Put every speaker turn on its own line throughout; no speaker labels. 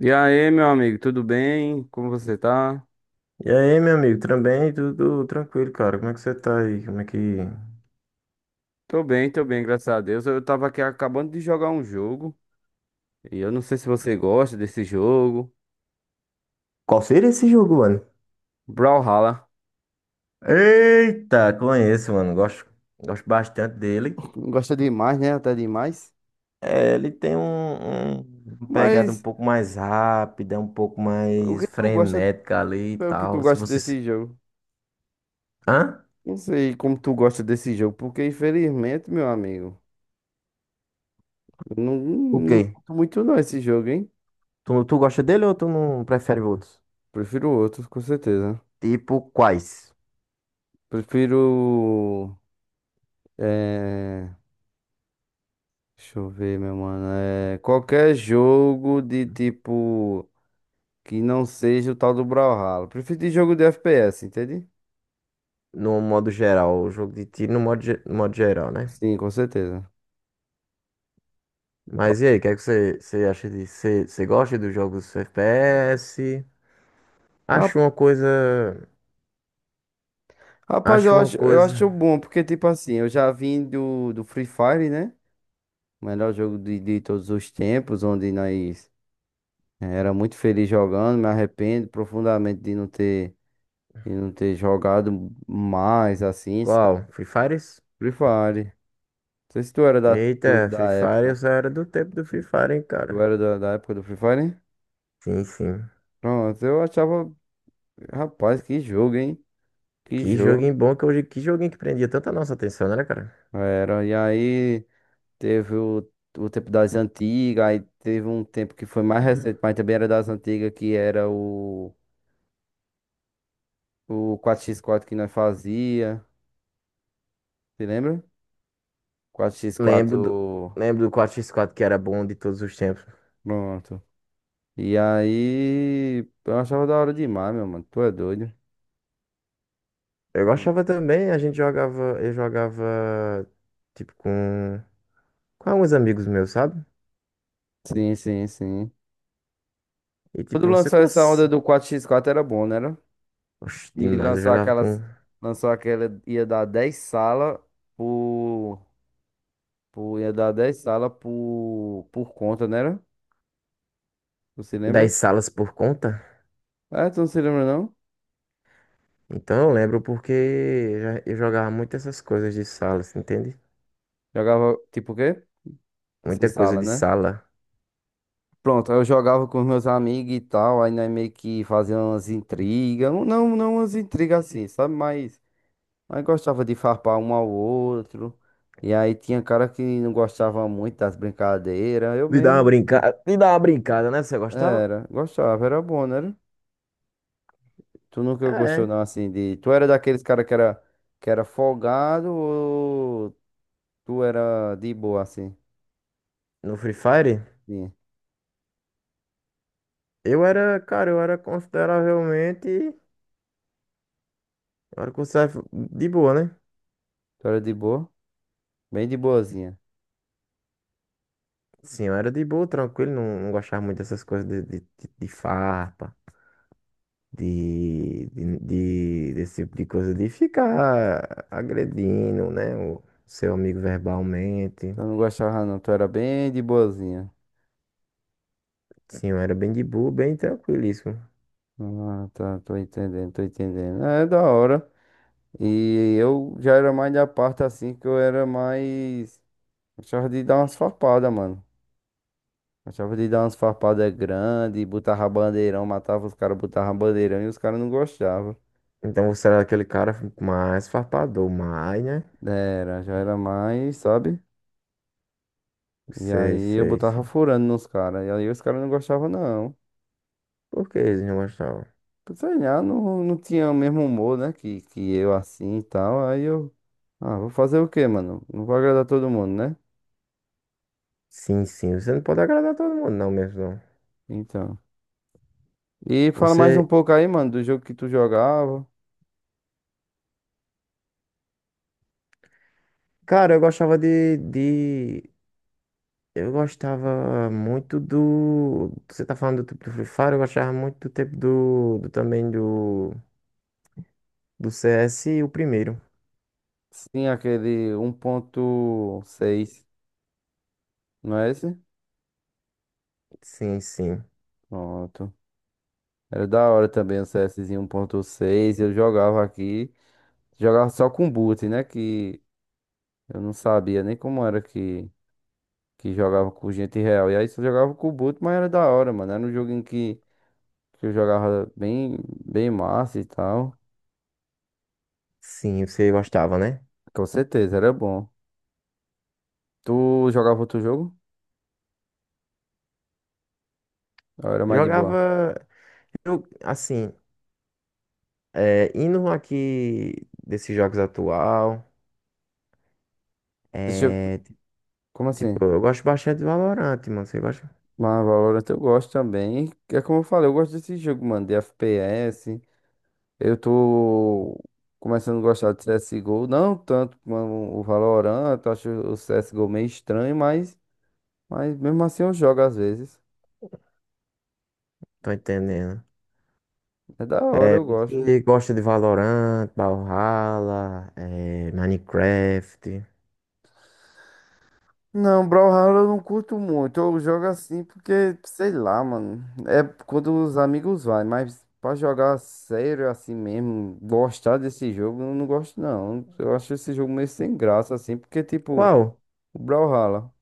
E aí, meu amigo, tudo bem? Como você tá?
E aí, meu amigo, também tudo tranquilo, cara. Como é que você tá aí? Como é que.
Tô bem, graças a Deus. Eu tava aqui acabando de jogar um jogo, e eu não sei se você gosta desse jogo.
Qual seria esse jogo, mano?
Brawlhalla.
Eita, conheço, mano. Gosto bastante dele.
Gosta demais, né? Até demais.
É, ele tem uma pegada um
Mas
pouco mais rápida, um pouco
o que
mais
tu gosta,
frenética ali e
o que tu
tal. Se
gosta
você. Se-
desse jogo?
Hã?
Não sei como tu gosta desse jogo, porque infelizmente, meu amigo, eu não,
O
não
quê?
curto muito não esse jogo, hein?
Tu gosta dele ou tu não prefere outros?
Prefiro outros, com certeza.
Tipo, quais?
Prefiro. eh, Deixa eu ver, meu mano. É, qualquer jogo de tipo que não seja o tal do Brawlhalla. Prefiro de jogo de FPS, entende?
No modo geral, o jogo de tiro no modo geral, né?
Sim, com certeza.
Mas e aí, o que é que você acha disso? Você gosta dos jogos FPS?
Ra-
Acho uma coisa.
Rapaz,
Acho
eu
uma
acho, eu
coisa.
acho bom, porque tipo assim, eu já vim do Free Fire, né? O melhor jogo de todos os tempos, onde nós era muito feliz jogando, me arrependo profundamente de não ter jogado mais assim, sabe?
Qual? Free Fires?
Free Fire. Não sei se tu era
Eita, Free
da
Fire, eu
época.
só era do tempo do Free Fire, hein,
Tu
cara.
era da época do Free Fire?
Sim, sim.
Pronto, eu achava, rapaz, que jogo, hein? Que
Que joguinho
jogo.
bom que hoje. Que joguinho que prendia tanta nossa atenção, né, cara?
Era, e aí teve o tempo das antigas, aí teve um tempo que foi mais recente, mas também era das antigas, que era o quatro x quatro que nós fazia, se lembra? Quatro x
Lembro do,
quatro
lembro do quatro x quatro que era bom de todos os tempos.
pronto. E aí, eu achava da hora demais, meu mano, tu é doido.
Eu
E-
gostava também, a gente jogava. Eu jogava. Tipo, Com alguns amigos meus, sabe?
Sim, sim, sim.
E
Quando
tipo, você
lançou essa
cons...
onda do quatro x quatro era bom, né?
Oxe,
E
demais. Eu
lançou
jogava
aquelas.
com.
Lançou aquela. Ia dar 10 salas por, por. Ia dar 10 salas por. Por conta, né? Era? Você lembra?
Das salas por conta?
É, tu não se lembra, não?
Então eu lembro porque eu jogava muito essas coisas de sala, você entende?
Jogava tipo o quê?
Muita
Essas
coisa
salas,
de
né?
sala.
Pronto, aí eu jogava com os meus amigos e tal. Aí nós meio que fazia umas intrigas. Não, umas intrigas assim, sabe? Mas. Mas gostava de farpar um ao outro. E aí tinha cara que não gostava muito das brincadeiras. Eu
De dar uma
mesmo.
brincada, de dar uma brincada, né? Você gostava?
Era, gostava, era bom, né? Tu nunca gostou
É.
não assim de. Tu era daqueles cara que era folgado ou tu era de boa assim?
No Free Fire,
Sim.
eu era, cara, eu era consideravelmente, eu era considerável de boa, né?
Tu era de boa? Bem de boazinha.
Sim, eu era de boa, tranquilo, não gostava muito dessas coisas de farpa, desse tipo de coisa, de ficar agredindo, né? O seu amigo verbalmente.
Tu não gostava não, tu era bem de boazinha.
Sim, eu era bem de boa, bem tranquilíssimo.
Ah, tá, tô entendendo, tô entendendo. É é da hora. E eu já era mais da parte assim que eu era mais. Achava de dar umas farpadas, mano. Achava de dar umas farpadas grandes, botava bandeirão, matava os caras, botava bandeirão e os caras não gostavam.
Então você era aquele cara mais farpador, mais, né?
Era, já era mais, sabe? E
Sei,
aí eu
sei,
botava
sei.
furando nos caras. E aí os caras não gostavam, não.
Por que eles não gostavam?
Sei lá, não tinha o mesmo humor, né? Que eu assim e tal. Aí eu. Ah, vou fazer o quê, mano? Não vou agradar todo mundo, né?
Sim, sim, você não pode agradar todo mundo, não mesmo, não.
Então. E fala mais um
Você.
pouco aí, mano, do jogo que tu jogava.
Cara, eu gostava de. Eu gostava muito do. Você tá falando do tempo do Free Fire, eu gostava muito do tempo do. Do também do. Do CS, o primeiro.
Sim, aquele um ponto seis não é esse?
Sim, sim.
Pronto. Era da hora também o CSzinho um ponto seis. Eu jogava aqui. Jogava só com boot, né? Que eu não sabia nem como era que. Que jogava com gente real. E aí só jogava com o boot, mas era da hora, mano. Era um jogo em que eu jogava bem, bem massa e tal.
Sim, você gostava, né?
Com certeza, era bom. Tu jogava outro jogo? Ou era mais de boa?
Jogava. Eu, assim. É, indo um aqui desses jogos atual,
Esse jogo,
é,
como
tipo,
assim?
eu gosto bastante de Valorant, mano. Você gosta?
Mas Valorant eu gosto também. É como eu falei, eu gosto desse jogo, mano, de FPS. Eu tô começando a gostar de CSGO. Não tanto como o Valorant, eu acho o CSGO meio estranho, mas mesmo assim eu jogo às vezes.
Tô entendendo.
É da hora, eu gosto.
Você gosta de Valorant, Brawlhalla, é, Minecraft?
Não, Brawlhalla eu não curto muito. Eu jogo assim porque, sei lá, mano. É quando os amigos vai, mas pra jogar sério assim mesmo, gostar desse jogo, eu não gosto não. Eu acho esse jogo meio sem graça assim, porque tipo,
Qual?
o Brawlhalla,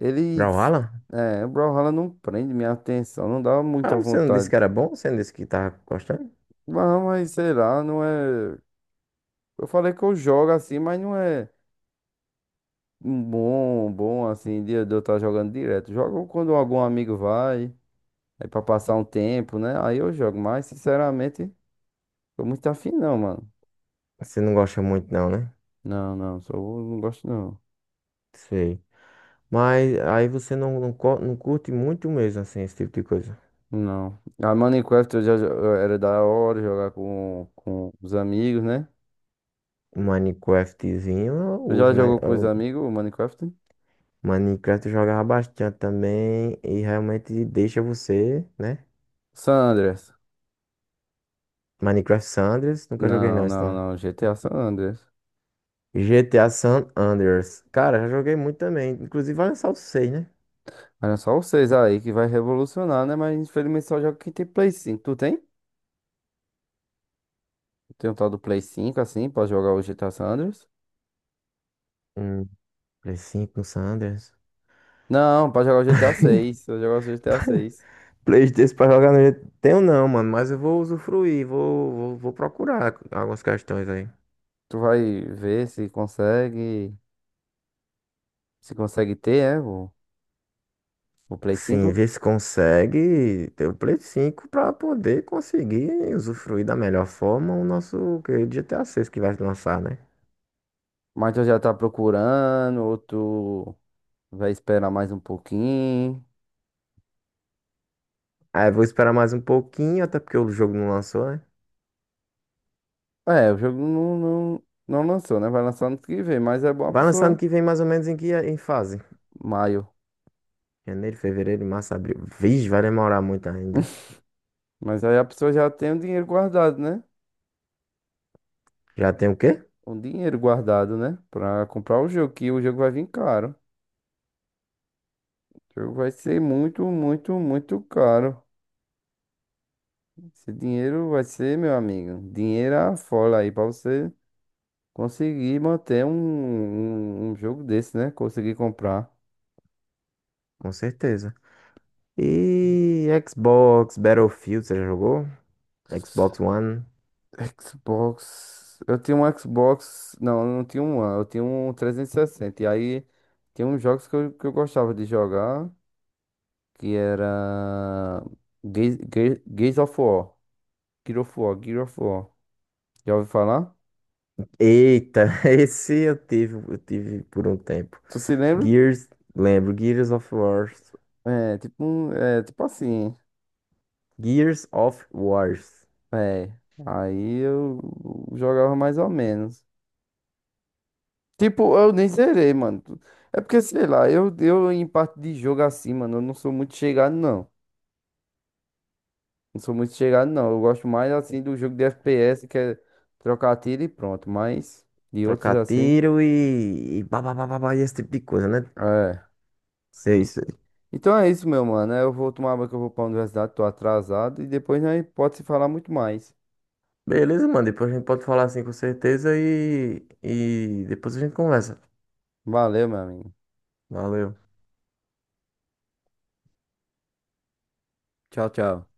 ele
Brawlhalla?
é, o Brawlhalla não prende minha atenção, não dá muita
Ah, você não disse
vontade.
que era bom? Você não disse que tá gostando?
Mas sei lá, não é. Eu falei que eu jogo assim, mas não é um bom assim, de eu estar jogando direto. Jogo quando algum amigo vai. Aí pra passar um tempo, né? Aí eu jogo, mas sinceramente, tô muito afim não, mano.
Você não gosta muito não, né?
Não, só não gosto não.
Sei. Mas aí você não curte muito mesmo, assim, esse tipo de coisa.
Não. A Minecraft eu já eu era da hora jogar com os amigos, né?
Um Minecraftzinho, eu
Tu já
uso, né?
jogou com os amigos o Minecraft?
Minecraft eu jogava bastante também e realmente deixa você, né?
San Andreas.
Minecraft Sanders, nunca joguei
Não,
não,
não,
então.
não, GTA San Andreas.
GTA San Andreas. Cara, já joguei muito também. Inclusive vai lançar o 6, né?
Olha só vocês aí que vai revolucionar, né? Mas infelizmente só joga quem tem Play 5. Tu tem? Tem um tal do Play 5 assim pra jogar o GTA San Andreas?
Um Play 5 no San Andreas.
Não, pra jogar o GTA seis. Eu jogar o GTA seis.
Playstation pra jogar no GTA. Tenho não, mano, mas eu vou usufruir, vou procurar algumas questões aí.
Tu vai ver se consegue, se consegue ter, o Play
Sim,
5.
ver se consegue ter o Play 5 pra poder conseguir usufruir da melhor forma o nosso querido GTA 6 que vai lançar, né?
Mas tu já tá procurando, ou tu vai esperar mais um pouquinho.
Aí eu vou esperar mais um pouquinho, até porque o jogo não lançou, né?
É, o jogo não lançou, né? Vai lançar ano que vem, mas é bom a
Vai lançar ano
pessoa,
que vem mais ou menos em que em fase?
maio.
Janeiro, fevereiro, março, abril. Vixe, vai demorar muito ainda.
Mas aí a pessoa já tem o dinheiro guardado, né?
Já tem o quê?
O dinheiro guardado, né? Pra comprar o jogo, que o jogo vai vir caro. O jogo vai ser muito, muito, muito caro. Esse dinheiro vai ser, meu amigo, dinheiro à folha aí pra você. Consegui manter um jogo desse, né? Consegui comprar.
Com certeza. E Xbox, Battlefield, você já jogou? Xbox One.
Xbox. Eu tinha um Xbox. Não, eu não tinha um One, eu tinha um trezentos e sessenta. E aí tinha uns jogos que eu gostava de jogar, que era Gears, Gears of War. Gears of War. Já ouviu falar?
Eita, esse eu tive por um tempo.
Tu se lembra?
Gears, lembro, Gears of Wars.
É, tipo, é, tipo assim.
Gears of Wars.
É. Aí eu jogava mais ou menos. Tipo, eu nem zerei, mano. É porque, sei lá, eu em parte de jogo assim, mano, eu não sou muito chegado, não. Não sou muito chegado, não. Eu gosto mais, assim, do jogo de FPS, que é trocar tiro e pronto. Mas de outros,
Trocar
assim,
tiro e, pá, pá, pá, pá, pá, e esse tipo de coisa, né?
é.
Sei.
E- Então é isso, meu mano. Eu vou tomar banho que eu vou pra universidade, tô atrasado. E depois nós pode se falar muito mais.
Beleza, mano. Depois a gente pode falar assim com certeza e depois a gente conversa.
Valeu, meu amigo.
Valeu.
Tchau, tchau.